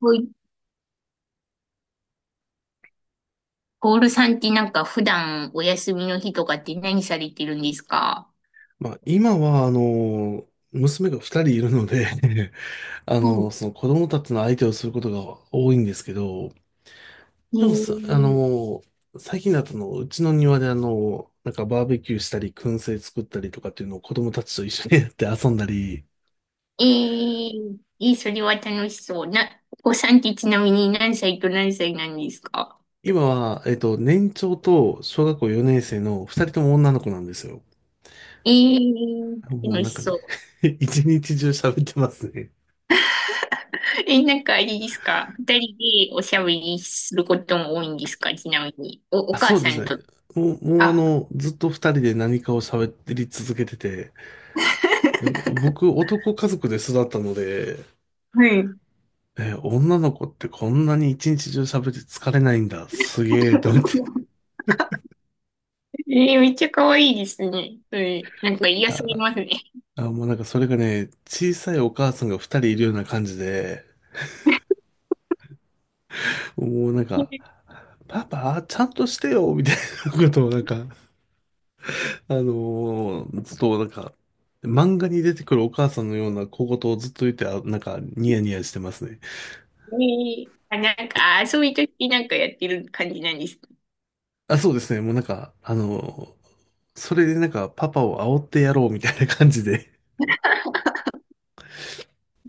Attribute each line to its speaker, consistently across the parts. Speaker 1: ほい。ポールさんってなんか普段お休みの日とかって何されてるんですか？
Speaker 2: まあ、今は、娘が二人いるので
Speaker 1: うん。
Speaker 2: その子供たちの相手をすることが多いんですけど、でもさ、あの、最近だとうちの庭でなんかバーベキューしたり、燻製作ったりとかっていうのを子供たちと一緒にやって遊んだり。
Speaker 1: ええ。ー、えー、それは楽しそう。な、お子さんってちなみに何歳と何歳なんですか？
Speaker 2: 今は、年長と小学校4年生の二人とも女の子なんですよ。
Speaker 1: えー、
Speaker 2: もう
Speaker 1: 楽
Speaker 2: なん
Speaker 1: し
Speaker 2: かね、
Speaker 1: そう。
Speaker 2: 一日中喋ってますね。
Speaker 1: え、なんかあれですか、二人でおしゃべりすることも多いんですか、ちなみに。お、
Speaker 2: あ、
Speaker 1: お
Speaker 2: そ
Speaker 1: 母
Speaker 2: うで
Speaker 1: さ
Speaker 2: す
Speaker 1: ん
Speaker 2: ね。
Speaker 1: と。
Speaker 2: もうあ
Speaker 1: あ、
Speaker 2: の、ずっと二人で何かを喋り続けてて、でも僕、男家族で育ったので、
Speaker 1: はい。
Speaker 2: え、女の子ってこんなに一日中喋って疲れないんだ。すげえ、と思って。
Speaker 1: えー、めっちゃ可愛いですね。うん、なんか癒されま
Speaker 2: あ、
Speaker 1: すね。
Speaker 2: もうなんかそれがね、小さいお母さんが二人いるような感じで、もうなんか、パパ、ちゃんとしてよ、みたいなことをなんか、ずっとなんか、漫画に出てくるお母さんのような小言をずっと言って、あ、なんか、ニヤニヤしてますね。
Speaker 1: ねえ、あ、なんか、遊びとき、なんかやってる感じなんです
Speaker 2: あ、そうですね。もうなんか、あのーそれでなんか、パパを煽ってやろうみたいな感じで、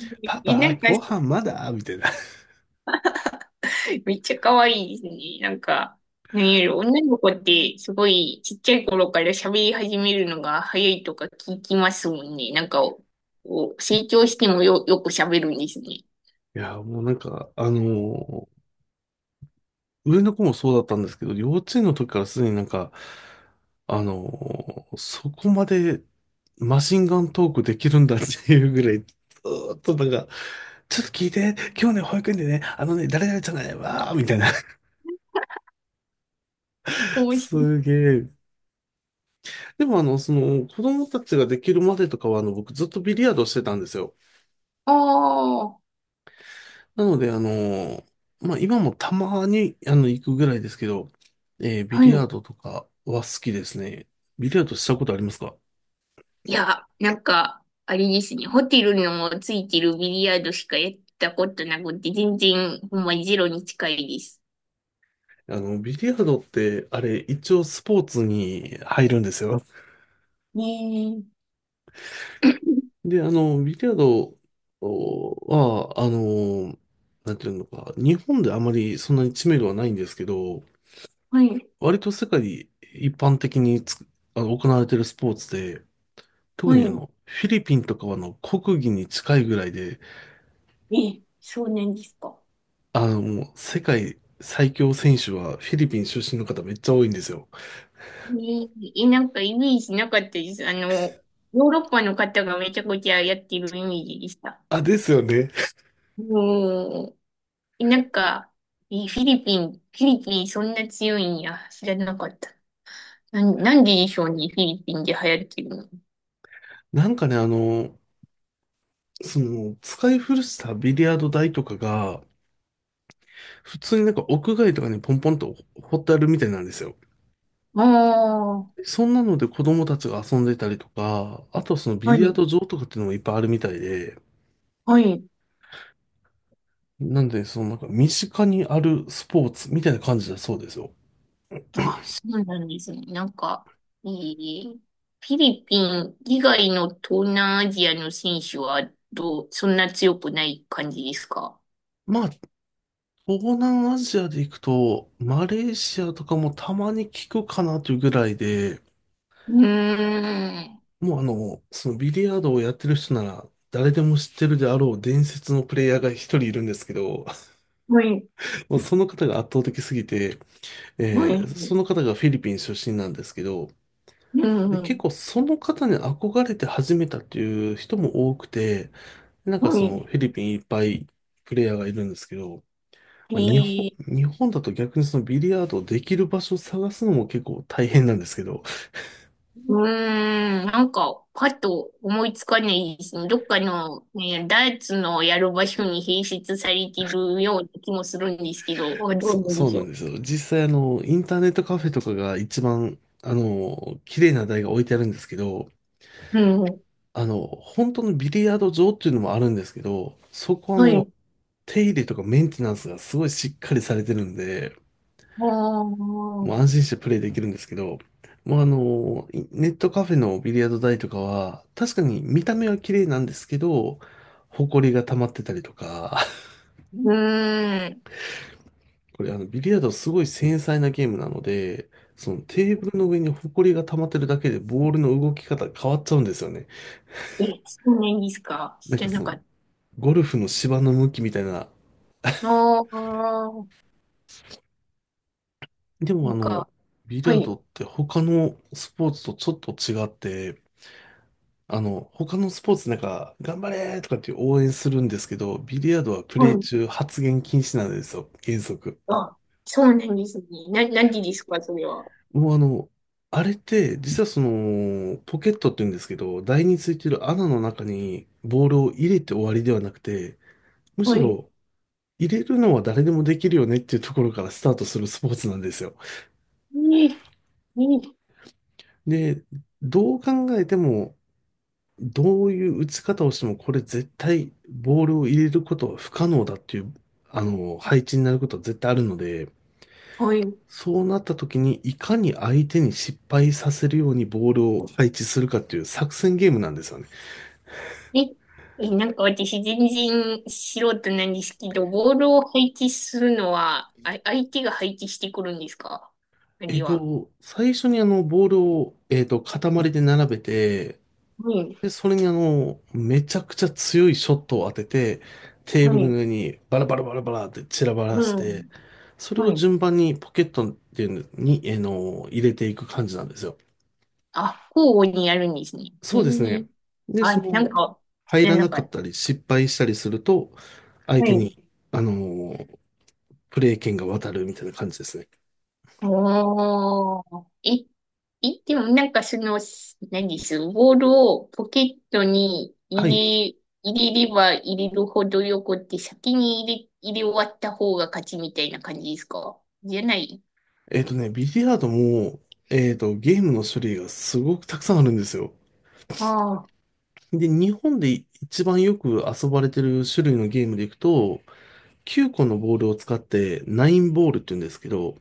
Speaker 1: ね。
Speaker 2: パ
Speaker 1: え、
Speaker 2: パ、
Speaker 1: なんか、
Speaker 2: ご飯まだみたいな。い
Speaker 1: めっちゃ可愛いですね。なんか、何より女の子ってすごいちっちゃい頃から喋り始めるのが早いとか聞きますもんね。なんか、お、お成長してもよ、よく喋るんですね。
Speaker 2: や、もうなんか、上の子もそうだったんですけど、幼稚園の時からすでになんか、そこまでマシンガントークできるんだっていうぐらい、ずーっとなんか、ちょっと聞いて、今日ね、保育園でね、あのね、誰々じゃないわーみたいな。
Speaker 1: 面白い。
Speaker 2: すげえ。でもその、子供たちができるまでとかは、あの、僕ずっとビリヤードしてたんですよ。
Speaker 1: ああ、
Speaker 2: なので、まあ、今もたまに、あの、行くぐらいですけど、えービ
Speaker 1: は
Speaker 2: リヤー
Speaker 1: い。
Speaker 2: ドとかは好きですね。ビリヤードしたことありますか？
Speaker 1: いや、なんか、あれですね。ホテルのついてるビリヤードしかやったことなくて、全然、ほんまゼロに近いです。
Speaker 2: あの、ビリヤードって、あれ、一応スポーツに入るんですよ。
Speaker 1: ねえ。
Speaker 2: で、あの、ビリヤードは、あの、なんていうのか、日本であまりそんなに知名度はないんですけど、
Speaker 1: はい、
Speaker 2: 割と世界一般的につく、あの、行われているスポーツで、特
Speaker 1: は
Speaker 2: にあ
Speaker 1: い。
Speaker 2: の、フィリピンとかはあの、国技に近いぐらいで、
Speaker 1: え、少年ですか。
Speaker 2: あの、もう世界最強選手はフィリピン出身の方めっちゃ多いんですよ。
Speaker 1: ねえ、なんかイメージなかったです。あの、ヨーロッパの方がめちゃくちゃやってるイメージでした。
Speaker 2: あ、ですよね。
Speaker 1: うん。え、なんか、え、フィリピン、フィリピンそんな強いんや。知らなかった。なん、なんででしょうね、フィリピンで流行ってるの。
Speaker 2: なんかね、あの、その、使い古したビリヤード台とかが、普通になんか屋外とかにポンポンと掘ってあるみたいなんですよ。
Speaker 1: あ
Speaker 2: そんなので子供たちが遊んでたりとか、あとはそのビ
Speaker 1: あ、は
Speaker 2: リヤー
Speaker 1: い、
Speaker 2: ド場とかっていうのもいっぱいあるみたいで、
Speaker 1: はい。
Speaker 2: なんで、そのなんか身近にあるスポーツみたいな感じだそうですよ。
Speaker 1: あ、そうなんですね。なんか、えー、フィリピン以外の東南アジアの選手はどう、そんな強くない感じですか？
Speaker 2: まあ東南アジアで行くと、マレーシアとかもたまに聞くかなというぐらいで、
Speaker 1: うーん。
Speaker 2: もうあの、そのビリヤードをやってる人なら、誰でも知ってるであろう伝説のプレイヤーが一人いるんですけど、
Speaker 1: はい、
Speaker 2: もうその方が圧倒的すぎて、
Speaker 1: は
Speaker 2: えーそ
Speaker 1: い、
Speaker 2: の方がフィリピン出身なんですけど、
Speaker 1: う
Speaker 2: で、結
Speaker 1: ん、
Speaker 2: 構その方に憧れて始めたっていう人も多くて、なんか
Speaker 1: は
Speaker 2: その
Speaker 1: い。
Speaker 2: フィリピンいっぱいプレイヤーがいるんですけど、
Speaker 1: え
Speaker 2: まあ日本、
Speaker 1: ー、
Speaker 2: 日本だと逆にそのビリヤードをできる場所を探すのも結構大変なんですけど、
Speaker 1: うーん、なんか、パッと思いつかないですね。どっかの、ね、ダーツのやる場所に併設されているような気もするんですけど、あ、 どう
Speaker 2: そ、
Speaker 1: なんで
Speaker 2: そう
Speaker 1: し
Speaker 2: なん
Speaker 1: ょ
Speaker 2: ですよ。実際あの、インターネットカフェとかが一番、あの、綺麗な台が置いてあるんですけど、
Speaker 1: う。うん、
Speaker 2: あの、本当のビリヤード場っていうのもあるんですけど、そこはあ
Speaker 1: は
Speaker 2: の、
Speaker 1: い。
Speaker 2: 手入れとかメンテナンスがすごいしっかりされてるんで、
Speaker 1: あ
Speaker 2: もう安
Speaker 1: あ。
Speaker 2: 心してプレイできるんですけど、もうあの、いネットカフェのビリヤード台とかは、確かに見た目は綺麗なんですけど、埃が溜まってたりとか、
Speaker 1: うーん。
Speaker 2: これあの、ビリヤードはすごい繊細なゲームなので、そのテーブルの上にホコリが溜まってるだけでボールの動き方変わっちゃうんですよね。
Speaker 1: え、そうなんですか。
Speaker 2: な
Speaker 1: 知
Speaker 2: んか
Speaker 1: ら
Speaker 2: そ
Speaker 1: なか
Speaker 2: の、
Speaker 1: っ
Speaker 2: ゴルフの芝の向きみたいな。
Speaker 1: た。ああ、
Speaker 2: でも
Speaker 1: な
Speaker 2: あ
Speaker 1: ん
Speaker 2: の、
Speaker 1: か、
Speaker 2: ビリ
Speaker 1: は
Speaker 2: ヤード
Speaker 1: い、
Speaker 2: って他のスポーツとちょっと違って、あの、他のスポーツなんか、頑張れーとかって応援するんですけど、ビリヤードはプ
Speaker 1: は
Speaker 2: レイ
Speaker 1: い。
Speaker 2: 中発言禁止なんですよ、原則。
Speaker 1: あ、そうなんですね。な、何時ですか、それは。
Speaker 2: もうあの、あれって、実はその、ポケットって言うんですけど、台についてる穴の中にボールを入れて終わりではなくて、む
Speaker 1: は
Speaker 2: し
Speaker 1: い。
Speaker 2: ろ入れるのは誰でもできるよねっていうところからスタートするスポーツなんですよ。
Speaker 1: ええ、
Speaker 2: で、どう考えても、どういう打ち方をしても、これ絶対ボールを入れることは不可能だっていう、あの、配置になることは絶対あるので、
Speaker 1: はい。
Speaker 2: そうなった時に、いかに相手に失敗させるようにボールを配置するかっていう作戦ゲームなんですよね。
Speaker 1: え、え、なんか私全然素人なんですけど、ボールを配置するのは、あ、相手が配置してくるんですか、あるいは。
Speaker 2: 最初にあの、ボールを、塊で並べて、
Speaker 1: はい、
Speaker 2: で、それにあの、めちゃくちゃ強いショットを当てて、テー
Speaker 1: は
Speaker 2: ブルの
Speaker 1: い、
Speaker 2: 上にバラバラバラバラって散らば
Speaker 1: う
Speaker 2: らして、
Speaker 1: ん、
Speaker 2: それ
Speaker 1: は
Speaker 2: を
Speaker 1: い。
Speaker 2: 順番にポケットっていうのに、えーの、入れていく感じなんですよ。
Speaker 1: あ、交互にやるんですね。え
Speaker 2: そうです
Speaker 1: え、
Speaker 2: ね。で、
Speaker 1: あ、
Speaker 2: そ
Speaker 1: な
Speaker 2: の、
Speaker 1: んか、知
Speaker 2: 入
Speaker 1: ら
Speaker 2: ら
Speaker 1: な
Speaker 2: な
Speaker 1: か
Speaker 2: か
Speaker 1: っ
Speaker 2: っ
Speaker 1: た。
Speaker 2: たり、失敗したりすると、相
Speaker 1: は
Speaker 2: 手
Speaker 1: い。
Speaker 2: に、あのープレー権が渡るみたいな感じですね。
Speaker 1: おー。え、え、でもなんかその、す、何です、ボールをポケットに
Speaker 2: はい。
Speaker 1: 入れ、入れれば入れるほどよくって先に入れ、入れ終わった方が勝ちみたいな感じですか、じゃない、
Speaker 2: えっとね、ビリヤードも、えっと、ゲームの種類がすごくたくさんあるんですよ。
Speaker 1: ああ
Speaker 2: で、日本で一番よく遊ばれてる種類のゲームでいくと、9個のボールを使って、ナインボールって言うんですけど、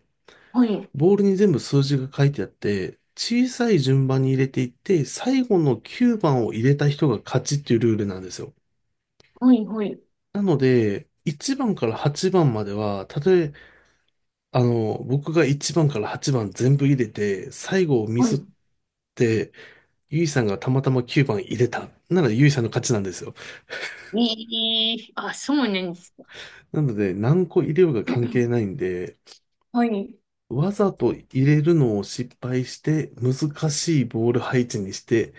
Speaker 1: ー、はい。
Speaker 2: ボールに全部数字が書いてあって、小さい順番に入れていって、最後の9番を入れた人が勝ちっていうルールなんですよ。
Speaker 1: はい、はい。
Speaker 2: なので、1番から8番までは、たとえ、あの、僕が1番から8番全部入れて、最後をミ
Speaker 1: は
Speaker 2: ス
Speaker 1: い。
Speaker 2: って、ゆいさんがたまたま9番入れた。なのでゆいさんの勝ちなんですよ。
Speaker 1: ええ、あ、そうなんですか。
Speaker 2: なので何個入れようが関係ないんで、
Speaker 1: はい。
Speaker 2: わざと入れるのを失敗して、難しいボール配置にして、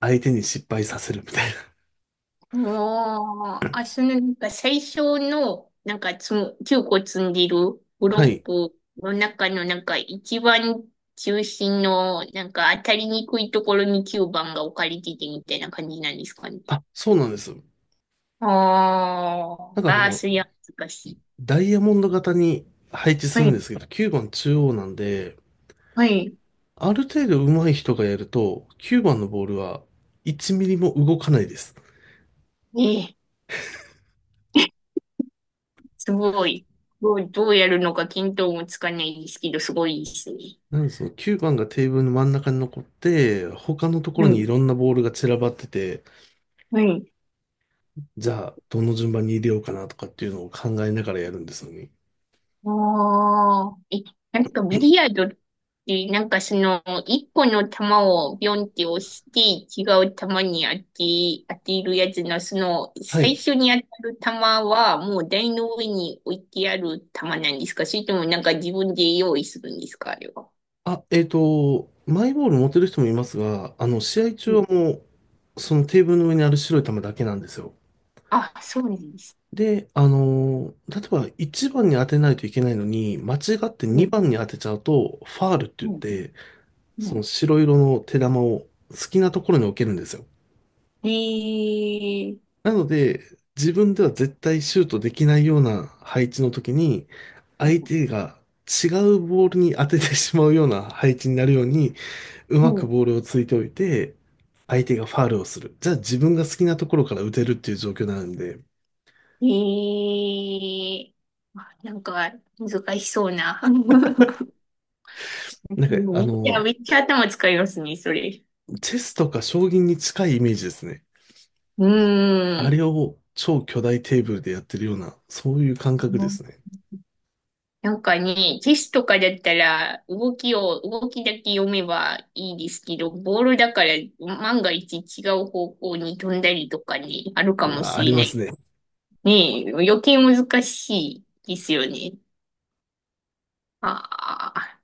Speaker 2: 相手に失敗させるみたいな。
Speaker 1: ああ、あ、そのなんか最初の、なんかつむ、9個積んでる ブ
Speaker 2: は
Speaker 1: ロッ
Speaker 2: い。
Speaker 1: クの中のなんか一番中心のなんか当たりにくいところに9番が置かれててみたいな感じなんですかね。
Speaker 2: あ、そうなんです。
Speaker 1: あ
Speaker 2: なんか
Speaker 1: あ、
Speaker 2: あ
Speaker 1: ああ、
Speaker 2: の、
Speaker 1: そりゃ難しい。
Speaker 2: ダイヤモンド型に配置す
Speaker 1: は
Speaker 2: るんで
Speaker 1: い、
Speaker 2: すけど、9番中央なんで、
Speaker 1: はい。
Speaker 2: ある程度上手い人がやると、9番のボールは1ミリも動かないです。
Speaker 1: ええ、すごい。どう、どうやるのか見当もつかないですけど、すごいですね。
Speaker 2: なんでその9番がテーブルの真ん中に残って、他のとこ
Speaker 1: は
Speaker 2: ろにい
Speaker 1: い、
Speaker 2: ろんなボールが散らばってて、
Speaker 1: はい。
Speaker 2: じゃあどの順番に入れようかなとかっていうのを考えながらやるんですよね。
Speaker 1: ああ、え、なんかビリヤードって、なんかその、一個の球をビョンって押して、違う球に当て、当てるやつの、その、
Speaker 2: は
Speaker 1: 最
Speaker 2: い。
Speaker 1: 初に当たる球は、もう台の上に置いてある球なんですか、それともなんか自分で用意するんですか、あれは。
Speaker 2: あ、えっと、マイボール持てる人もいますが、あの、試合
Speaker 1: う
Speaker 2: 中
Speaker 1: ん、
Speaker 2: はそのテーブルの上にある白い球だけなんですよ。
Speaker 1: あ、そうなんです。
Speaker 2: で、あのー、例えば1番に当てないといけないのに、間違って
Speaker 1: うん、
Speaker 2: 2番に当てちゃうと、ファールって言っ
Speaker 1: うん、
Speaker 2: て、
Speaker 1: う
Speaker 2: その
Speaker 1: ん。
Speaker 2: 白色の手玉を好きなところに置けるんですよ。
Speaker 1: へえ、
Speaker 2: なので、自分では絶対シュートできないような配置の時に、
Speaker 1: うん、
Speaker 2: 相手が違うボールに当ててしまうような配置になるように、う
Speaker 1: う
Speaker 2: まく
Speaker 1: ん、
Speaker 2: ボールをついておいて、相手がファールをする。じゃあ自分が好きなところから打てるっていう状況になるんで、
Speaker 1: へえ、あ、なんか難しそうな。う
Speaker 2: なんか、
Speaker 1: ん、
Speaker 2: あ
Speaker 1: いや、
Speaker 2: の、
Speaker 1: めっちゃ頭使いますね、それ。
Speaker 2: チェスとか将棋に近いイメージですね。
Speaker 1: うー
Speaker 2: あれ
Speaker 1: ん。
Speaker 2: を超巨大テーブルでやってるような、そういう感覚ですね。
Speaker 1: なんかね、チェスとかだったら、動きを、動きだけ読めばいいですけど、ボールだから、万が一違う方向に飛んだりとかね、あるか
Speaker 2: う
Speaker 1: も
Speaker 2: わ
Speaker 1: し
Speaker 2: あり
Speaker 1: れ
Speaker 2: ま
Speaker 1: な
Speaker 2: す
Speaker 1: い。
Speaker 2: ね。
Speaker 1: ねえ、余計難しいですよね。ああ。